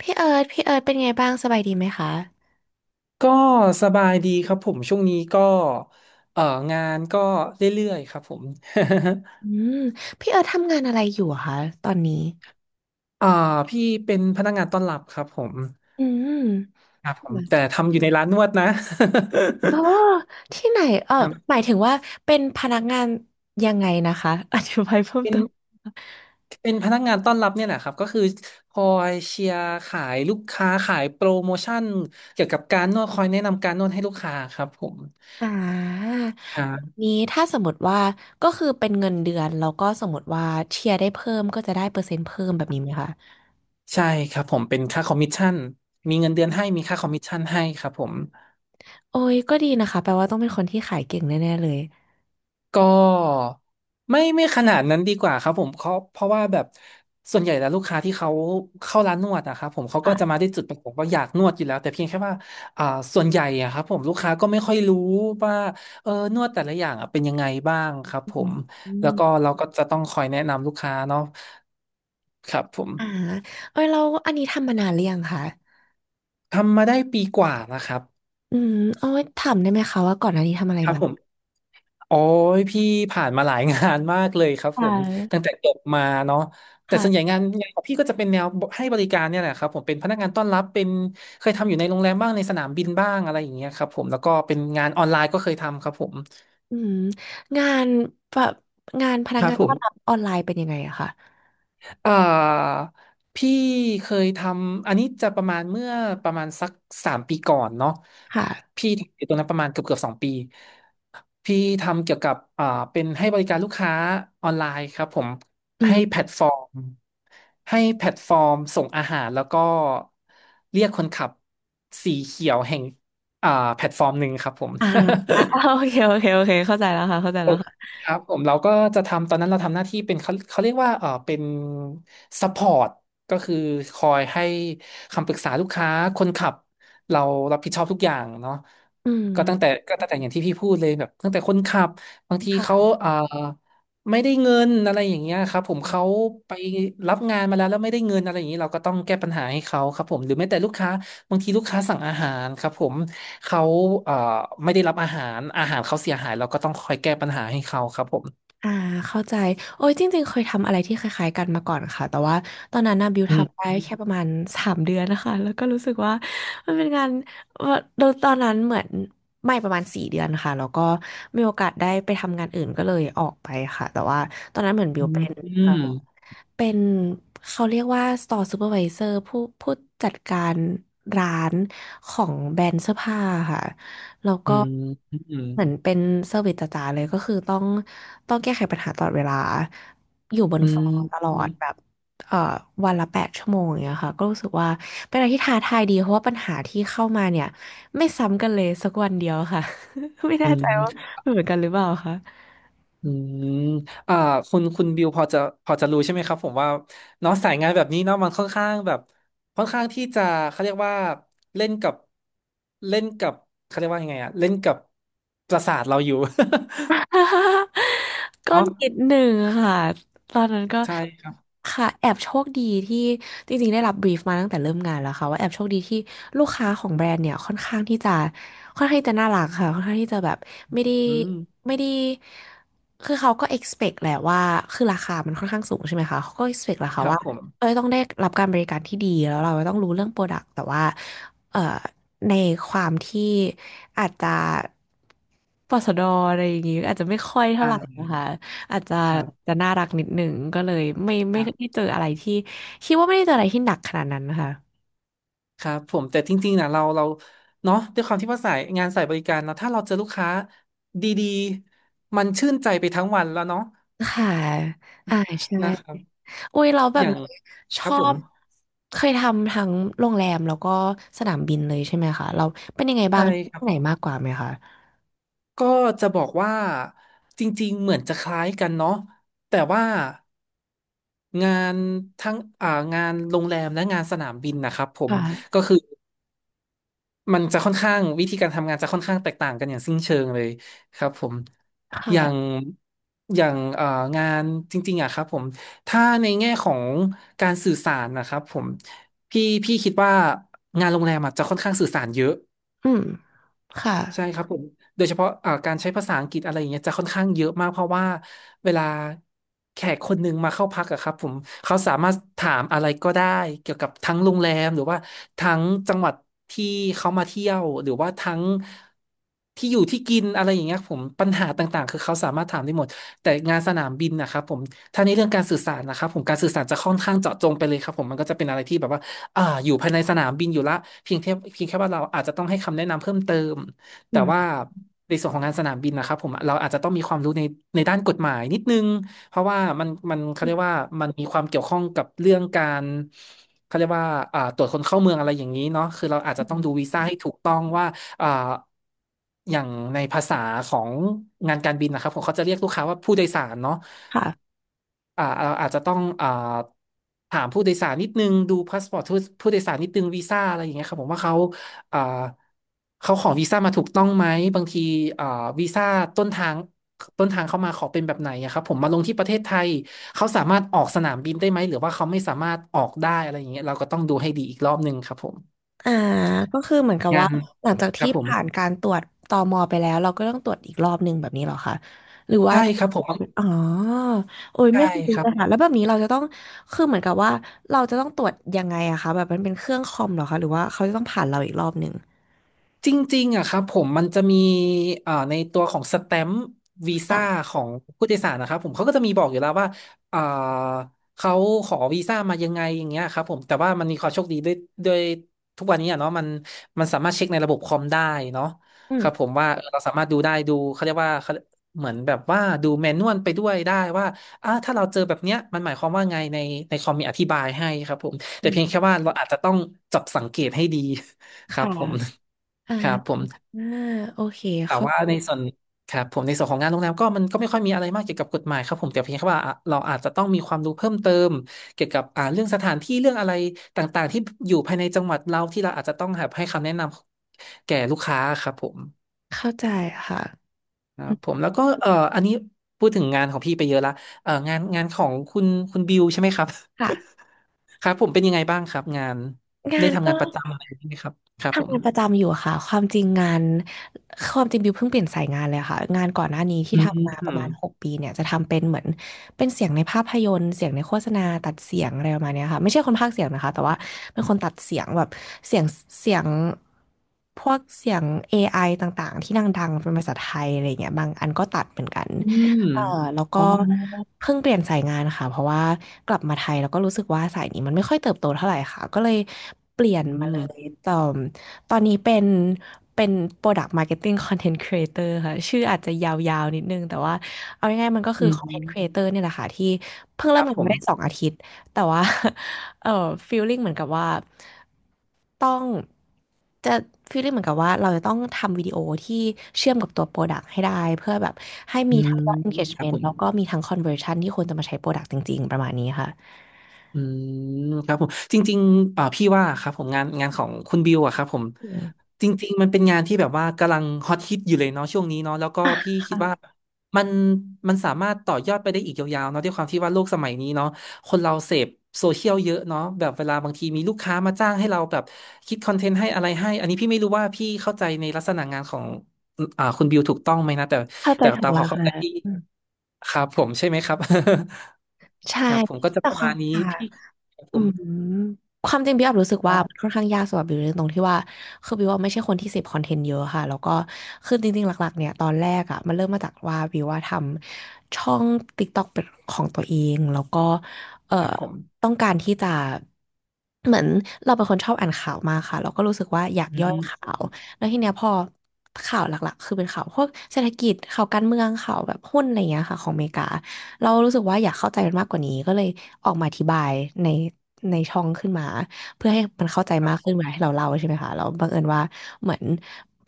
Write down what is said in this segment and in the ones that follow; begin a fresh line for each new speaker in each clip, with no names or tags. พี่เอิร์ธพี่เอิร์ธเป็นไงบ้างสบายดีไหมคะ
ก็สบายดีครับผมช่วงนี้ก็เอ่องานก็เรื่อยๆครับผม
อืมพี่เอิร์ธทำงานอะไรอยู่อะคะตอนนี้
อ่าพี่เป็นพนักงานต้อนรับครับผม
อืม
ครับผมแต่ทำอยู่ในร้านนวดนะ
อ๋อที่ไหนเออ
ครั
ห
บ
มายถึงว่าเป็นพนักงานยังไงนะคะ อธิบายเพิ่ม
เป็น
เติม
เป็นพนักงานต้อนรับเนี่ยแหละครับก็คือคอยเชียร์ขายลูกค้าขายโปรโมชั่นเกี่ยวกับการนวดคอยแนะนำการนวดให้ลูกค้าครับผม
อ่าแบบ
อ่า
นี้ถ้าสมมติว่าก็คือเป็นเงินเดือนแล้วก็สมมติว่าเชียร์ได้เพิ่มก็จะได้เปอร์เซ็นต์เพิ่มแบบนี้ไหมคะ
ใช่ครับผมเป็นค่าคอมมิชชั่นมีเงินเดือนให้มีค่าคอมมิชชั่นให้ครับผม
โอ้ยก็ดีนะคะแปลว่าต้องเป็นคนที่ขายเก่งแน่ๆเลย
ก็ไม่ขนาดนั้นดีกว่าครับผมเขาเพราะว่าแบบส่วนใหญ่แล้วลูกค้าที่เขาเข้าร้านนวดนะครับผมเขาก็จะมา
ค่ะ
ด้วยจุดประสงค์ว่าอยากนวดอยู่แล้วแต่เพียงแค่ว่าอ่าส่วนใหญ่อะครับผมลูกค้าก็ไม่ค่อยรู้ว่านวดแต่ละอย่างอะเป็นยังไงบ้างครับ
อื
ผ
ม
ม
อ
แล้วก็
ม
เราก็จะต้องคอยแนะนำลูกค้าเนาะครับผม
อ่าเอ้ยเราอันนี้ทำมานานหรือยังคะ
ทำมาได้ปีกว่านะครับ
อืมเอาไว้ถามได้ไหมคะว่าก่อนหน้านี้ทำอะไร
ครับ
มา
ผม โอ้ยพี่ผ่านมาหลายงานมากเลยครับผ
ค่
ม ตั้ง
ะ
แต่จบมาเนาะแต่ส่วนใหญ่
ค่ะ
งานของพี่ก็จะเป็นแนวให้บริการเนี่ยแหละครับผมเป็นพนักงานต้อนรับเป็นเคยทำอยู่ในโรงแรมบ้างในสนามบินบ้างอะไรอย่างเงี้ยครับผมแล้วก็เป็นงานออนไลน์ก็เคยทำครับผม
อืมงานแบบงานพนัก
ครับ
งาน
ผ
ต้อนรับ
ม
ออนไลน์เป็นยังไงอะค่ะ
เอ่อพี่เคยทำอันนี้จะประมาณเมื่อประมาณสัก3 ปีก่อนเนาะ
ค่ะ
พี่ทำอยู่ตรงนั้นประมาณเกือบ2 ปีพี่ทำเกี่ยวกับเป็นให้บริการลูกค้าออนไลน์ครับผม
อื
ให้แพล
ม
ตฟอร์มให้แพลตฟอร์มส่งอาหารแล้วก็เรียกคนขับสีเขียวแห่งอ่าแพลตฟอร์มหนึ่งครับผม
อ่าโอ เคโอเคโอเคเข้าใจแล้วค่ะเข้าใจแล้วค่ะ
ครับผมเราก็จะทำตอนนั้นเราทำหน้าที่เป็นเขาเรียกว่าเป็นซัพพอร์ตก็คือคอยให้คำปรึกษาลูกค้าคนขับเรารับผิดชอบทุกอย่างเนาะ
อื
ก็ตั้งแต่
ม
ก็ตั้งแต่อย่างที่พี่พูดเลยแบบตั้งแต่คนขับบางทีเขา
ค่ะ
ไม่ได้เงินอะไรอย่างเงี้ยครับผมเขาไปรับงานมาแล้วแล้วไม่ได้เงินอะไรอย่างนี้เราก็ต้องแก้ปัญหาให้เขาครับผมหรือแม้แต่ลูกค้า บางทีลูกค้าสั่งอาหารครับผมเขาเอ่อไม่ได้รับอาหารอาหารเขาเสียหายเราก็ต้องคอยแก้ปัญหาให้เขาครับผม
อ่าเข้าใจโอ้ยจริงๆเคยทำอะไรที่คล้ายๆกันมาก่อนค่ะแต่ว่าตอนนั้นนะบิว
อืม
ทำได้แค่ประมาณ3 เดือนนะคะแล้วก็รู้สึกว่ามันเป็นงานว่าโดยตอนนั้นเหมือนไม่ประมาณ4 เดือนค่ะแล้วก็มีโอกาสได้ไปทำงานอื่นก็เลยออกไปค่ะแต่ว่าตอนนั้นเหมือนบิ
อื
ว
ม
เป็น
อื
เอ่อ
ม
เป็นเขาเรียกว่า store supervisor ผู้จัดการร้านของแบรนด์เสื้อผ้าค่ะ แล้ว
อื
ก็
ม
เหมือนเป็นเซอร์วิสจ๋าๆเลยก็คือต้องแก้ไขปัญหาตลอดเวลาอยู่บน
อื
ฟล
ม
อร์ตลอ
อืมอื
ดแบ
ม
บเอ่อวันละ8 ชั่วโมงอย่างเงี้ยค่ะก็รู้สึกว่าเป็นอะไรที่ท้าทายดีเพราะว่าปัญหาที่เข้ามาเนี่ยไม่ซ้ำกันเลยสักวันเดียวค่ะ ไม่แน่
อื
ใจว่า
ม
เหมือนกันหรือเปล่าคะ
อืมอ่าคุณบิวพอจะรู้ใช่ไหมครับผมว่าเนาะสายงานแบบนี้เนาะมันค่อนข้างแบบค่อนข้างที่จะเขาเรียกว่าเล่นกับเล่นกับเขาเรียกว่ายังไงอะเล่นกับประสาทเราอยู่
ก็
เนาะ
นิดหนึ่งค่ะตอนนั้นก็
ใช่ครับ
ค่ะแอบโชคดีที่จริงๆได้รับบรีฟมาตั้งแต่เริ่มงานแล้วค่ะว่าแอบโชคดีที่ลูกค้าของแบรนด์เนี่ยค่อนข้างที่จะค่อนข้างที่จะน่ารักค่ะค่อนข้างที่จะแบบไม่ได้
อืม
ไม่ได้คือเขาก็ expect แหละว่าคือราคามันค่อนข้างสูงใช่ไหมคะเขาก็ expect แหละ
ค
ค่ะ
รับ
ว่า
ผม
เอ้ยต้องได้รับการบริการที่ดีแล้วเราต้องรู้เรื่องโปรดักต์แต่ว่าเอ่อ ในความที่อาจจะปสดอะไรอย่างงี้อาจจะไม่ค่อยเท่า
อ่
ไหร่
า
นะคะอาจจะ
ครับ
จะน่ารักนิดหนึ่งก็เลยไม่ไม่
อ่ะ
ได้เจออะไรที่คิดว่าไม่ได้เจออะไรที่หนักขนาดนั้นนะคะ
ครับผมแต่จริงๆนะเราเนาะด้วยความที่ว่าสายงานสายบริการเนาะถ้าเราเจอลูกค้าดีๆมันชื่นใจไปทั้งวันแล้วเนาะ
ค่ะอ่าใช่
นะครับ
อุ้ยเราแบ
อ
บ
ย่าง
ช
ครับ
อ
ผม
บเคยทำทั้งโรงแรมแล้วก็สนามบินเลยใช่ไหมคะเราเป็นยังไงบ้า
ใช่
ง
ครั
ที่
บ
ไหนมากกว่าไหมคะ
ก็จะบอกว่าจริงๆเหมือนจะคล้ายกันเนาะแต่ว่างานทั้งงานโรงแรมและงานสนามบินนะครับผ
ค
มก็
่ะ
คือ มันจะค่อนข้างวิธีการทำงานจะค่อนข้างแตกต่างกันอย่างสิ้นเชิงเลยครับผมอย่าง
ค่ะ
อย่างงานจริงๆอะครับผมถ้าในแง่ของการสื่อสารนะครับผมพี่คิดว่างานโรงแรมอะจะค่อนข้างสื่อสารเยอะ
อืมค่ะ
ใช่ครับผมโดยเฉพาะการใช้ภาษาอังกฤษอะไรอย่างเงี้ยจะค่อนข้างเยอะมากเพราะว่าเวลาแขกคนหนึ่งมาเข้าพักอะครับผมเขาสามารถถามอะไรก็ได้เกี่ยวกับทั้งโรงแรมหรือว่าทั้งจังหวัดที่เขามาเที่ยวหรือว่าทั้งที่อยู่ที่กินอะไรอย่างเงี้ยผมปัญหาต่างๆคือเขาสามารถถามได้หมดแต่งานสนามบินนะครับผมถ้าในเรื่องการสื่อสารนะครับผมการสื่อสารจะค่อนข้างเจาะจงไปเลยครับผมมันก็จะเป็นอะไรที่แบบว่าอยู่ภายในสนามบินอยู่ละเพียงแค่ว่าเราอาจจะต้องให้คำแนะนำเพิ่มเติม
อื
แต่ว่า
ม
ในส่วนของงานสนามบินนะครับผมเราอาจจะต้องมีความรู้ในด้านกฎหมายนิดนึงเพราะว่ามันเขา
อื
เรียก
ม
ว่ามันมีความเกี่ยวข้องกับเรื่องการเขาเรียกว่าตรวจคนเข้าเมืองอะไรอย่างนี้เนาะคือเราอาจ
อื
จะต้องดู
ม
วีซ่าให้ถูกต้องว่าอ่าอย่างในภาษาของงานการบินนะครับผมเขาจะเรียกลูกค้าว่าผู้โดยสารเนาะ
ค่ะ
อ่าเราอาจจะต้องถามผู้โดยสารนิดนึงดูพาสปอร์ตผู้โดยสารนิดนึงวีซ่าอะไรอย่างเงี้ยครับผมว่าเขาอ่าเขาขอวีซ่ามาถูกต้องไหมบางทีอ่าวีซ่าต้นทางเขามาขอเป็นแบบไหนอะครับผมมาลงที่ประเทศไทยเขาสามารถออกสนามบินได้ไหมหรือว่าเขาไม่สามารถออกได้อะไรอย่างเงี้ยเราก็ต้องดูให้ดีอีกรอบหนึ่งครับผม
อ่าก็คือเหมือนกับ
งา
ว่า
น
หลังจาก
ครั
ที่
บผม
ผ่านการตรวจตมไปแล้วเราก็ต้องตรวจอีกรอบหนึ่งแบบนี้เหรอคะหรือว่า
ใช่ครับผม
อ๋อโอ้ย
ใช่
ไม่เคยรู้
ครั
เล
บ
ยค่ะแล้วแบบนี้เราจะต้องคือเหมือนกับว่าเราจะต้องตรวจยังไงอะคะแบบมันเป็นเครื่องคอมเหรอคะหรือว่าเขาจะต้องผ่านเราอีกรอบหนึ่ง
จริงๆอะครับผมมันจะมีในตัวของสแตมป์วีซ่า
อ่ะ
ของผู้โดยสารนะครับผมเขาก็จะมีบอกอยู่แล้วว่าเอ่อเขาขอวีซ่ามายังไงอย่างเงี้ยครับผมแต่ว่ามันมีความโชคดีด้วยด้วยทุกวันนี้อะเนาะมันสามารถเช็คในระบบคอมได้เนาะ
อื
ค
ม
รับผมว่าเออเราสามารถดูได้ดูเขาเรียกว่าเขาเหมือนแบบว่าดูแมนนวลไปด้วยได้ว่าถ้าเราเจอแบบเนี้ยมันหมายความว่าไงในคอมมีอธิบายให้ครับผมแต่
อื
เพียงแค่
ม
ว่าเราอาจจะต้องจับสังเกตให้ดีครับ
ค่ะ
ผม
อ่า
ครับผม
อ่าโอเค
แต่
เข้า
ว่า
ใจ
ในส่วนครับผมในส่วนของงานโรงแรมก็มันก็ไม่ค่อยมีอะไรมากเกี่ยวกับกฎหมายครับผมแต่เพียงแค่ว่าอ่ะเราอาจจะต้องมีความรู้เพิ่มเติมเกี่ยวกับเรื่องสถานที่เรื่องอะไรต่างๆที่อยู่ภายในจังหวัดเราที่เราอาจจะต้องแบบให้คำแนะนำแก่ลูกค้าครับผม
เข้าใจค่ะ
ครั
อื
บผม
ม
แล้วก็อันนี้พูดถึงงานของพี่ไปเยอะละงานของคุณบิวใช่ไหมครับ
ค่ะ
ครับผมเป็นยังไงบ้างครับงาน
งา
ได้
น
ทำ
ก็
งานประจำอะไรอย่างนี้ไหมครับครับผ
ทำงานประ
ม
จำอยู่ค่ะความจริงงานความจริงบิวเพิ่งเปลี่ยนสายงานเลยค่ะงานก่อนหน้านี้ที่
อื
ทำมาประมาณ
ม
6 ปีเนี่ยจะทำเป็นเหมือนเป็นเสียงในภาพยนตร์เสียงในโฆษณาตัดเสียงอะไรประมาณเนี้ยค่ะไม่ใช่คนพากย์เสียงนะคะแต่ว่าเป็นคนตัดเสียงแบบเสียงเสียงพวกเสียง AI ต่างๆที่ดังๆเป็นภาษาไทยอะไรเงี้ยบางอันก็ตัดเหมือนกัน
อืม
เออแล้วก็
อ๋อ
เพิ่งเปลี่ยนสายงานค่ะเพราะว่ากลับมาไทยแล้วก็รู้สึกว่าสายนี้มันไม่ค่อยเติบโตเท่าไหร่ค่ะก็เลยเปลี่ยน
อื
มาเลย
ม
ตอนนี้เป็น Product Marketing Content Creator ค่ะชื่ออาจจะยาวๆนิดนึงแต่ว่าเอาง่ายๆมันก็คื
อื
อ Content
ม
Creator เนี่ยแหละค่ะที่เพิ่ง
ค
เริ่ม
รับ
งาน
ผ
มา
ม
ได้2 อาทิตย์ แต่ว่า เออฟีลลิ่งเหมือนกับว่าต้องจะฟีลลิ่งเหมือนกับว่าเราจะต้องทำวิดีโอที่เชื่อมกับตัวโปรดักต์ให้ได้เพื่อแบบให้
อื
มีทั้
ม
งยอด
ครับผ
engagement
ม
แล้วก็มีทั้ง conversion ที่คนจะมาใช้โปรดักต์จริงๆ ประมาณนี้ค่ะ
อืมครับผมจริงๆเอ่าพี่ว่าครับผมงานของคุณบิวอะครับผม
อืม
จริงๆมันเป็นงานที่แบบว่ากำลังฮอตฮิตอยู่เลยเนาะช่วงนี้เนาะแล้วก็
อ่ะ
พี่คิดว่า
ค่ะ
มันมันสามารถต่อยอดไปได้อีกยาวๆเนาะด้วยความที่ว่าโลกสมัยนี้เนาะคนเราเสพโซเชียลเยอะเนาะแบบเวลาบางทีมีลูกค้ามาจ้างให้เราแบบคิดคอนเทนต์ให้อะไรให้อันนี้พี่ไม่รู้ว่าพี่เข้าใจในลักษณะงานของคุณบิวถูกต้องไหมนะแต่
เข้าใจ
แต่
ถูก
ตามค
แล้
วา
ว
มเข้า
ค่ะ
ใจพี่
อืม
ครับผมใช่ไหมครับ
ใช่
ครับผมก็จะ
แต่
ประ
ควา
มา
ม
ณนี้
ค่าง
พี่ครับผ
อื
ม
มความจริงพี่อับรู้สึก
อ๋อ
ว่ามันค่อนข้างยากสำหรับบิวในตรงที่ว่าคือบิวว่าไม่ใช่คนที่เสพคอนเทนต์เยอะค่ะแล้วก็คือจริงๆหลักๆเนี่ยตอนแรกอ่ะมันเริ่มมาจากว่าบิวว่าทำช่อง TikTok เป็นของตัวเองแล้วก็เอ่อ
ครับผม
ต้องการที่จะเหมือนเราเป็นคนชอบอ่านข่าวมากค่ะแล้วก็รู้สึกว่าอยาก
อื
ย่อยข่า
ม
วแล้วทีเนี้ยพอข่าวหลักๆคือเป็นข่าวพวกเศรษฐกิจข่าวการเมืองข่าวแบบหุ้นอะไรเงี้ยค่ะของอเมริกา เรารู้สึกว่าอยากเข้าใจมันมากกว่านี้ก็เลยออกมาอธิบายในในช่องขึ้นมาเพื่อให้มันเข้าใจ
ค
มากขึ้
รับ
นเวลาที่เราเล่าใช่ไหมคะแล้วบังเอิญว่าเหมือน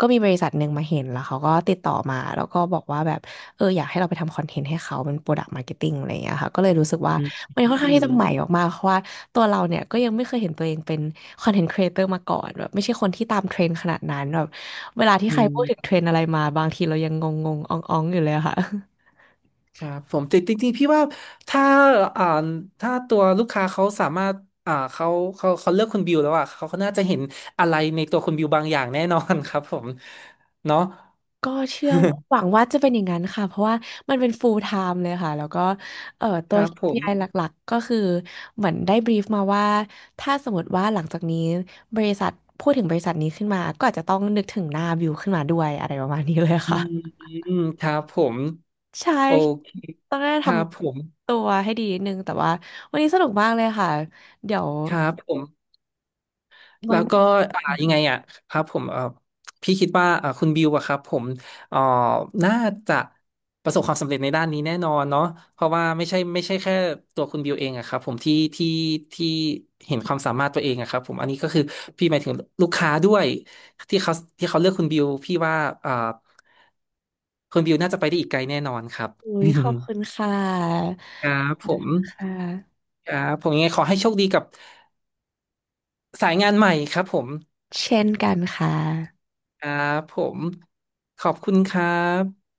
ก็มีบริษัทหนึ่งมาเห็นแล้วเขาก็ติดต่อมาแล้วก็บอกว่าแบบเอออยากให้เราไปทำคอนเทนต์ให้เขาเป็นโปรดักต์มาร์เก็ตติ้งอะไรอย่างเงี้ยค่ะก็เลยรู้สึกว่า
อืม
มัน
อื
ค่อนข้าง
ม
ที่จะใหม่มากๆเพราะว่าตัวเราเนี่ยก็ยังไม่เคยเห็นตัวเองเป็นคอนเทนต์ครีเอเตอร์มาก่อนแบบไม่ใช่คนที่ตามเทรนด์ขนาดนั้นแบบเวลาที่
อื
ใครพูดถึง
ม
เทรนด์อะไรมาบางทีเรายังงงๆอ่องๆอยู่เลยอะค่ะ
ครับผมแต่จริงๆพี่ว่าถ้าอ่าถ้าตัวลูกค้าเขาสามารถเขาเขาเลือกคุณบิวแล้วอ่ะเขาน่าจะเห็นอะไรในตัวคุณบิวบางอย่างแน่นอน ครับผมเนาะ
ก็เชื่อว่าหวัง ว่าจะเป็นอย่างนั้นค่ะเพราะว่ามันเป็น full time เลยค่ะแล้วก็ตั
ค
ว
รับผ
k
ม
ไ i หลักๆก็คือเหมือนได้บรีฟมาว่าถ้าสมมติว่าหลังจากนี้บริษัทพูดถึงบริษัทนี้ขึ้นมาก็อาจจะต้องนึกถึงหน้าบิวขึ้นมาด้วยอะไรประมาณนี้เลย
อื
ค่ะ
มครับผม
ใช่
โอเค
ต้องได้
ค
ท
รับผม
ำตัวให้ดีนิดนึงแต่ว่าวันนี้สนุกมากเลยค่ะเดี๋ยว
ครับผม
ไว้
แล้ว
มา
ก็อ่ายังไงอ่ะครับผมพี่คิดว่าคุณบิวอะครับผมเอ่อน่าจะประสบความสำเร็จในด้านนี้แน่นอนเนาะเพราะว่าไม่ใช่ไม่ใช่แค่ตัวคุณบิวเองอะครับผมที่ที่ที่เห็นความสามารถตัวเองอะครับผมอันนี้ก็คือพี่หมายถึงลูกค้าด้วยที่เขาที่เขาเลือกคุณบิวพี่ว่าอ่าคุณบิวน่าจะไปได้อีกไกลแน่นอนครับ
คุยขอบคุณค่ะ
ครับผม
ค่ะ
ครับผมยังไงขอให้โชคดีกับสายงานใหม่ครับผม
เช่นกันค่ะ
ครับผมขอบคุณครับ